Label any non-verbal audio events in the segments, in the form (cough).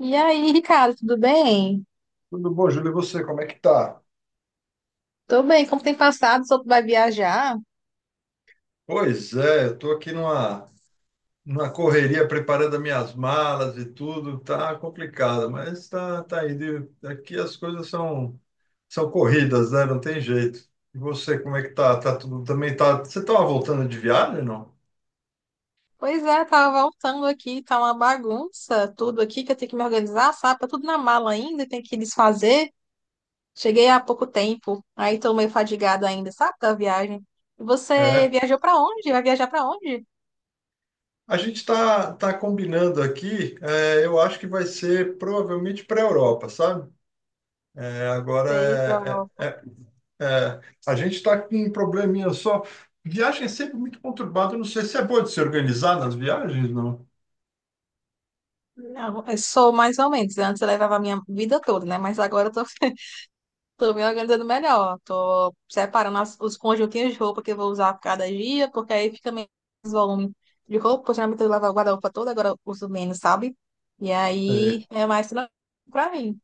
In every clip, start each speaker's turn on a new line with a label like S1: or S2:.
S1: E aí, Ricardo, tudo bem?
S2: Tudo bom, Júlio? E você, como é que tá?
S1: Tô bem, como tem passado? Só tu vai viajar?
S2: Pois é, eu tô aqui numa correria preparando as minhas malas e tudo, tá complicado, mas tá indo. Aqui as coisas são corridas, né? Não tem jeito. E você, como é que tá? Tá tudo também tá. Você tava voltando de viagem, não?
S1: Pois é, tava voltando aqui, tá uma bagunça, tudo aqui que eu tenho que me organizar, sabe? Tá tudo na mala ainda, tem que desfazer. Cheguei há pouco tempo, aí tô meio fadigado ainda, sabe, da viagem. E você
S2: É.
S1: viajou pra onde? Vai viajar pra onde?
S2: A gente tá combinando aqui, eu acho que vai ser provavelmente para a Europa, sabe? É, agora,
S1: Sei, pra
S2: é,
S1: Europa.
S2: é, é É, a gente está com um probleminha só. Viagem é sempre muito conturbada. Não sei se é bom de se organizar nas viagens, não.
S1: Não, eu sou mais ou menos. Antes eu levava a minha vida toda, né? Mas agora eu tô (laughs) tô me organizando melhor. Tô separando os conjuntinhos de roupa que eu vou usar por cada dia, porque aí fica menos volume de roupa. Porque Geralmente eu lavo a guarda-roupa toda, agora eu uso menos, sabe? E
S2: É,
S1: aí é mais tranquilo pra mim.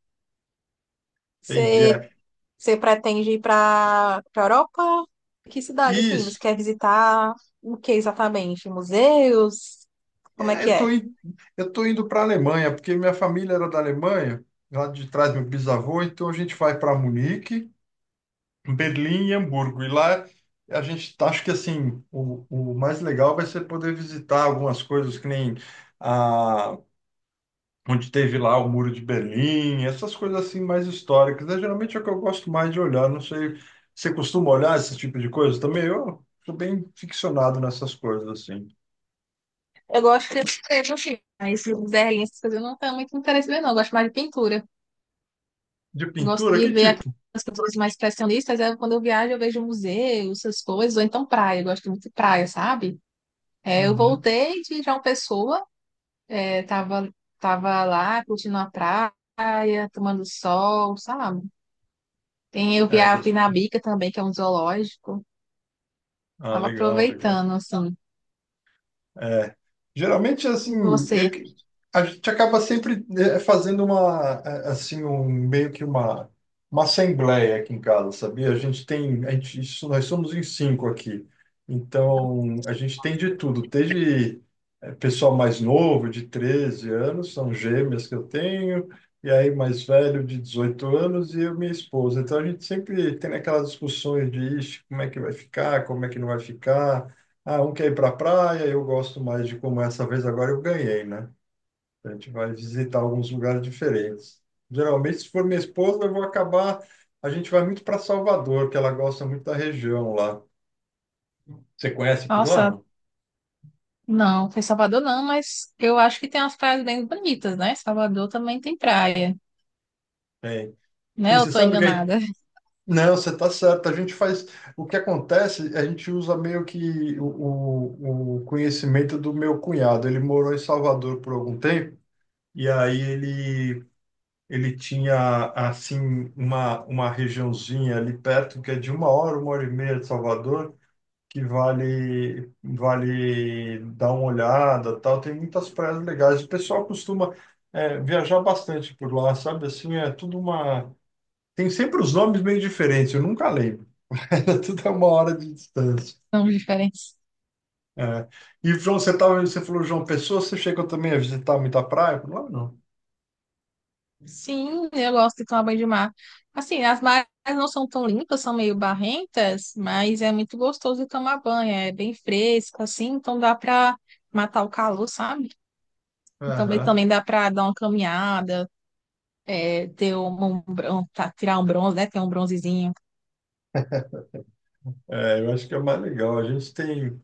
S2: entendi.
S1: Você,
S2: É.
S1: você pretende ir pra Europa? Que cidade, assim? Você
S2: Isso.
S1: quer visitar o que exatamente? Museus? Como é
S2: É,
S1: que
S2: eu tô,
S1: é?
S2: in- eu tô indo para a Alemanha, porque minha família era da Alemanha, lá de trás meu bisavô, então a gente vai para Munique, Berlim e Hamburgo. E lá a gente tá, acho que assim, o mais legal vai ser poder visitar algumas coisas que nem, onde teve lá o Muro de Berlim, essas coisas assim mais históricas, né? Geralmente é o que eu gosto mais de olhar, não sei, você costuma olhar esse tipo de coisa também? Eu sou bem ficcionado nessas coisas assim.
S1: Eu gosto de escrever, assim, mas Berlim, essas coisas eu não tenho muito interesse em ver, não. Eu gosto mais de pintura.
S2: De
S1: Eu gosto
S2: pintura,
S1: de
S2: que
S1: ver
S2: tipo?
S1: aquelas pessoas mais expressionistas. É quando eu viajo, eu vejo museus, essas coisas, ou então praia. Eu gosto muito de praia, sabe? É, eu
S2: Uhum.
S1: voltei de João Pessoa, é, tava, tava lá curtindo a praia, tomando sol, sabe? Tem, eu vi
S2: É,
S1: a
S2: gosto.
S1: Pinabica também, que é um zoológico.
S2: Ah,
S1: Tava
S2: legal, legal.
S1: aproveitando, assim.
S2: É, geralmente,
S1: E
S2: assim,
S1: você?
S2: a gente acaba sempre fazendo uma, assim, um, meio que uma assembleia aqui em casa, sabia? A gente tem, a gente, isso, nós somos em cinco aqui, então a gente tem de tudo, desde pessoal mais novo, de 13 anos, são gêmeas que eu tenho, e aí mais velho, de 18 anos, e eu, e minha esposa. Então a gente sempre tem aquelas discussões de: "Ixi, como é que vai ficar, como é que não vai ficar, ah, um quer ir para a praia, eu gosto mais de como essa vez agora eu ganhei, né? A gente vai visitar alguns lugares diferentes." Geralmente, se for minha esposa, eu vou acabar. A gente vai muito para Salvador, que ela gosta muito da região lá. Você conhece por lá,
S1: Nossa,
S2: não?
S1: não, foi Salvador não, mas eu acho que tem umas praias bem bonitas, né? Salvador também tem praia,
S2: Tem.
S1: né?
S2: Tem,
S1: Eu
S2: você
S1: tô
S2: sabe o que é?
S1: enganada,
S2: Não, você está certo. A gente faz. O que acontece, a gente usa meio que o conhecimento do meu cunhado. Ele morou em Salvador por algum tempo, e aí ele tinha, assim, uma regiãozinha ali perto, que é de uma hora e meia de Salvador, que vale dar uma olhada, tal. Tem muitas praias legais. O pessoal costuma, viajar bastante por lá, sabe? Assim, é tudo Tem sempre os nomes meio diferentes, eu nunca lembro. (laughs) Era tudo a uma hora de distância.
S1: (laughs) não diferente.
S2: É. E, João, você tava, você falou, João Pessoa, você chegou também a visitar muita praia? Eu falei: "Não, não."
S1: Sim, eu gosto de tomar banho de mar. Assim, as marés não são tão limpas, são meio barrentas, mas é muito gostoso de tomar banho. É bem fresco, assim, então dá para matar o calor, sabe? E também,
S2: Aham.
S1: também dá para dar uma caminhada, é, ter tá, tirar um bronze, né? Ter um bronzezinho.
S2: É, eu acho que é mais legal. A gente tem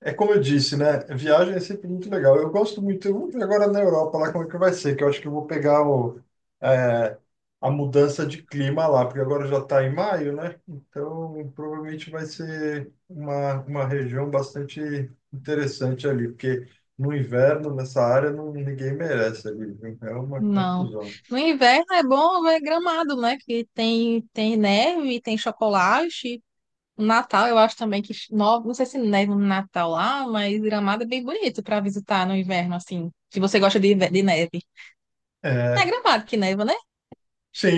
S2: É como eu disse, né? Viagem é sempre muito legal. Eu gosto muito, eu vou ver agora na Europa lá como é que vai ser, que eu acho que eu vou pegar é, a mudança de clima lá, porque agora já está em maio, né? Então provavelmente vai ser uma região bastante interessante ali, porque no inverno, nessa área, não, ninguém merece ali, viu? É uma
S1: Não.
S2: confusão.
S1: No inverno é bom ver Gramado, né? Que tem, tem neve, tem chocolate. O Natal, eu acho também que, não sei se neva no Natal lá, mas Gramado é bem bonito para visitar no inverno, assim, se você gosta de, de neve. Não é
S2: É,
S1: Gramado que neva, né?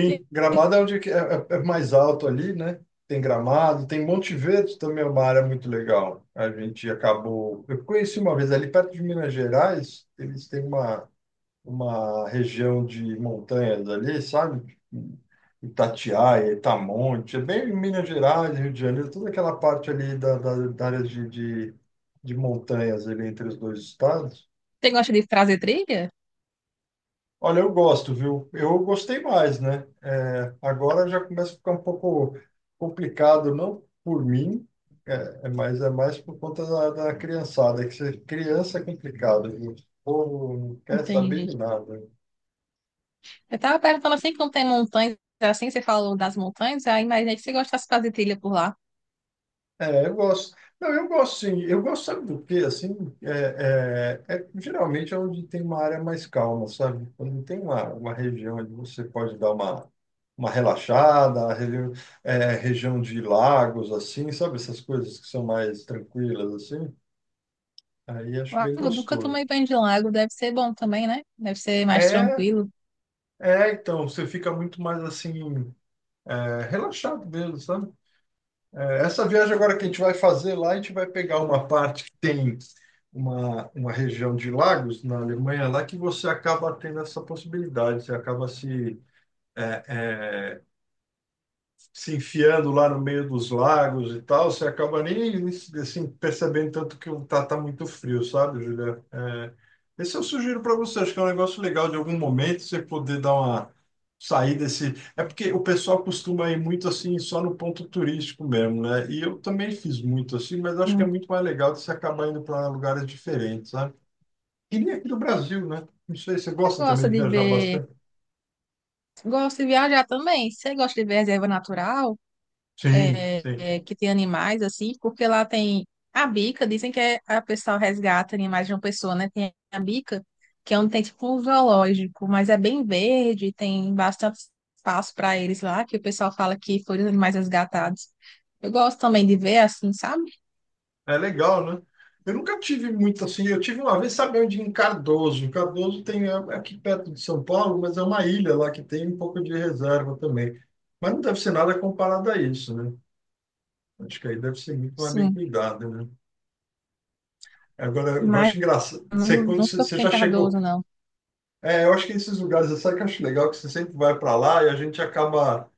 S1: Você
S2: Gramado é onde que é, é mais alto ali, né? Tem Gramado, tem Monte Verde também, é uma área muito legal. A gente acabou. Eu conheci uma vez ali perto de Minas Gerais, eles têm uma região de montanhas ali, sabe? Itatiaia, Itamonte, é bem Minas Gerais, Rio de Janeiro, toda aquela parte ali da área de montanhas ali entre os dois estados.
S1: gosta de trazer trilha?
S2: Olha, eu gosto, viu? Eu gostei mais, né? É, agora já começa a ficar um pouco complicado, não por mim, é mais por conta da criançada, que ser criança é complicado, viu? O povo não quer saber
S1: Entendi.
S2: de nada.
S1: Eu tava perguntando assim, como tem montanhas, assim, você falou das montanhas, aí imaginei que você gostasse de fazer trilha por lá.
S2: É, eu gosto. Não, eu gosto sim. Eu gosto, sabe do quê? Assim, geralmente é onde tem uma área mais calma, sabe? Quando tem uma região onde você pode dar uma relaxada, região de lagos, assim, sabe? Essas coisas que são mais tranquilas, assim. Aí acho bem
S1: Lago, nunca tomei
S2: gostoso.
S1: banho de lago, deve ser bom também, né? Deve ser mais
S2: É,
S1: tranquilo.
S2: então, você fica muito mais assim, relaxado mesmo, sabe? É, essa viagem agora que a gente vai fazer lá, a gente vai pegar uma parte que tem uma região de lagos na Alemanha lá que você acaba tendo essa possibilidade, você acaba se é, é, se enfiando lá no meio dos lagos e tal, você acaba nem assim, percebendo tanto que tá muito frio, sabe, Julia? É, esse eu sugiro para você, acho que é um negócio legal de algum momento você poder dar uma saída desse. É porque o pessoal costuma ir muito assim, só no ponto turístico mesmo, né? E eu também fiz muito assim, mas acho que é
S1: Hum.
S2: muito mais legal de você acabar indo para lugares diferentes, sabe? E nem aqui do Brasil, né? Não sei, você
S1: Você
S2: gosta também
S1: gosta
S2: de
S1: de
S2: viajar
S1: ver.
S2: bastante?
S1: Gosto de viajar também. Você gosta de ver reserva natural?
S2: Sim, sim.
S1: Que tem animais, assim, porque lá tem a bica, dizem que é, a pessoa resgata animais de uma pessoa, né? Tem a bica, que é onde tem tipo um zoológico, mas é bem verde, tem bastante espaço para eles lá, que o pessoal fala que foram os animais resgatados. Eu gosto também de ver assim, sabe?
S2: É legal, né? Eu nunca tive muito assim. Eu tive uma vez, sabe onde? Em Cardoso. Cardoso tem é é aqui perto de São Paulo, mas é uma ilha lá que tem um pouco de reserva também. Mas não deve ser nada comparado a isso, né? Acho que aí deve ser muito mais bem
S1: Sim,
S2: cuidado, né? Agora, eu
S1: mas
S2: acho engraçado.
S1: eu
S2: Você, quando você,
S1: nunca
S2: você
S1: fui em
S2: já chegou.
S1: Cardoso, não.
S2: É, eu acho que esses lugares, sabe que eu acho legal que você sempre vai para lá e a gente acaba.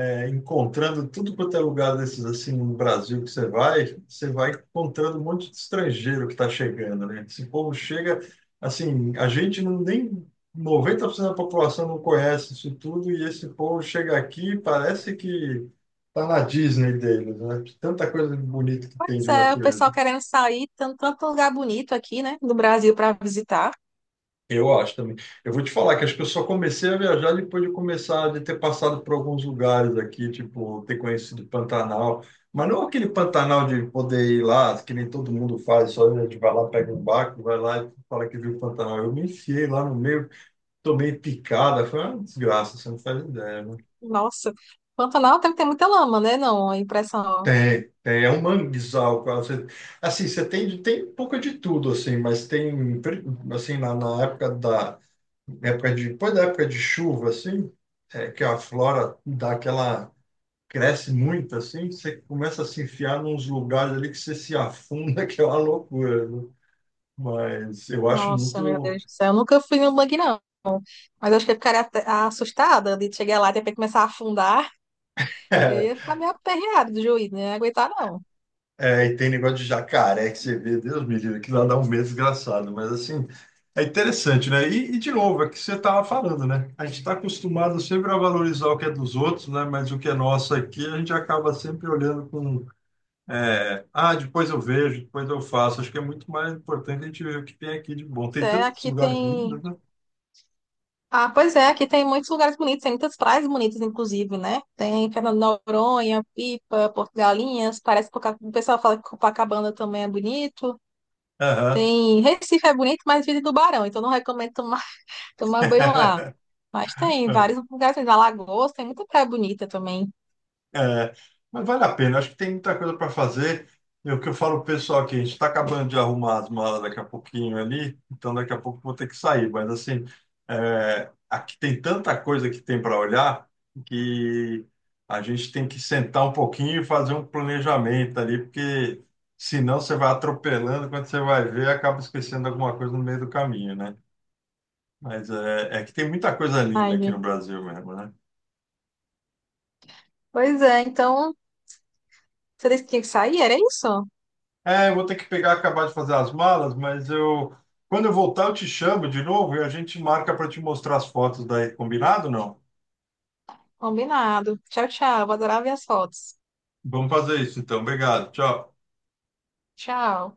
S2: Encontrando tudo quanto é lugar desses assim no Brasil, que você vai, encontrando um monte de estrangeiro que está chegando, né? Esse povo chega, assim, a gente não nem 90% da população não conhece isso tudo, e esse povo chega aqui e parece que tá na Disney deles, né? Tanta coisa bonita que tem
S1: Pois
S2: de
S1: é, o pessoal
S2: natureza.
S1: querendo sair, tanto, tanto lugar bonito aqui, né, do Brasil para visitar.
S2: Eu acho também. Eu vou te falar que acho que eu só comecei a viajar depois de começar de ter passado por alguns lugares aqui, tipo, ter conhecido Pantanal, mas não aquele Pantanal de poder ir lá, que nem todo mundo faz, só a gente vai lá, pega um barco, vai lá e fala que viu Pantanal. Eu me enfiei lá no meio, tomei picada, foi uma desgraça, você não faz ideia, né?
S1: Nossa, Pantanal tem que ter muita lama, né? Não, a impressão.
S2: Tem, é um manguezal, cara. Você, assim, você tem um pouco de tudo, assim, mas tem, assim, na época da época de, depois da época de chuva, assim, que a flora dá aquela, cresce muito, assim, você começa a se enfiar nos lugares ali que você se afunda, (laughs) que é uma loucura, né? Mas eu acho
S1: Nossa, meu
S2: muito.
S1: Deus do céu, eu nunca fui no bug, não. Mas acho que eu ficaria assustada de chegar lá e ter que começar a afundar. Eu ia
S2: (laughs)
S1: ficar meio aperreada do juiz, né? Não ia aguentar, não.
S2: É, e tem negócio de jacaré que você vê, Deus me livre, que lá dá um medo desgraçado, mas assim, é interessante, né? E, de novo, é o que você estava falando, né? A gente está acostumado sempre a valorizar o que é dos outros, né? Mas o que é nosso aqui, a gente acaba sempre olhando com: "Ah, depois eu vejo, depois eu faço." Acho que é muito mais importante a gente ver o que tem aqui de bom.
S1: Pois
S2: Tem
S1: é,
S2: tantos
S1: aqui
S2: lugares
S1: tem.
S2: lindos, né?
S1: Ah, pois é, aqui tem muitos lugares bonitos, tem muitas praias bonitas, inclusive, né? Tem Fernando de Noronha, Pipa, Porto Galinhas, parece que o pessoal fala que Copacabana também é bonito.
S2: Aham.
S1: Tem Recife é bonito, mas vive tubarão, então não recomendo tomar, (laughs) tomar banho lá.
S2: (laughs)
S1: Mas tem vários lugares, tem Alagoas, tem muita praia bonita também.
S2: É, mas vale a pena, acho que tem muita coisa para fazer. É o que eu falo pro pessoal aqui, a gente está acabando de arrumar as malas daqui a pouquinho ali, então daqui a pouco eu vou ter que sair. Mas assim, aqui tem tanta coisa que tem para olhar, que a gente tem que sentar um pouquinho e fazer um planejamento ali, porque senão você vai atropelando, quando você vai ver, acaba esquecendo alguma coisa no meio do caminho, né? Mas é que tem muita coisa linda
S1: Ai,
S2: aqui no
S1: gente.
S2: Brasil mesmo, né?
S1: Pois é, então você disse que tinha que sair? Era isso?
S2: É, eu vou ter que pegar, acabar de fazer as malas, mas eu, quando eu voltar, eu te chamo de novo e a gente marca para te mostrar as fotos daí, combinado? Não?
S1: Combinado. Tchau, tchau. Vou adorar ver as fotos.
S2: Vamos fazer isso então. Obrigado. Tchau.
S1: Tchau.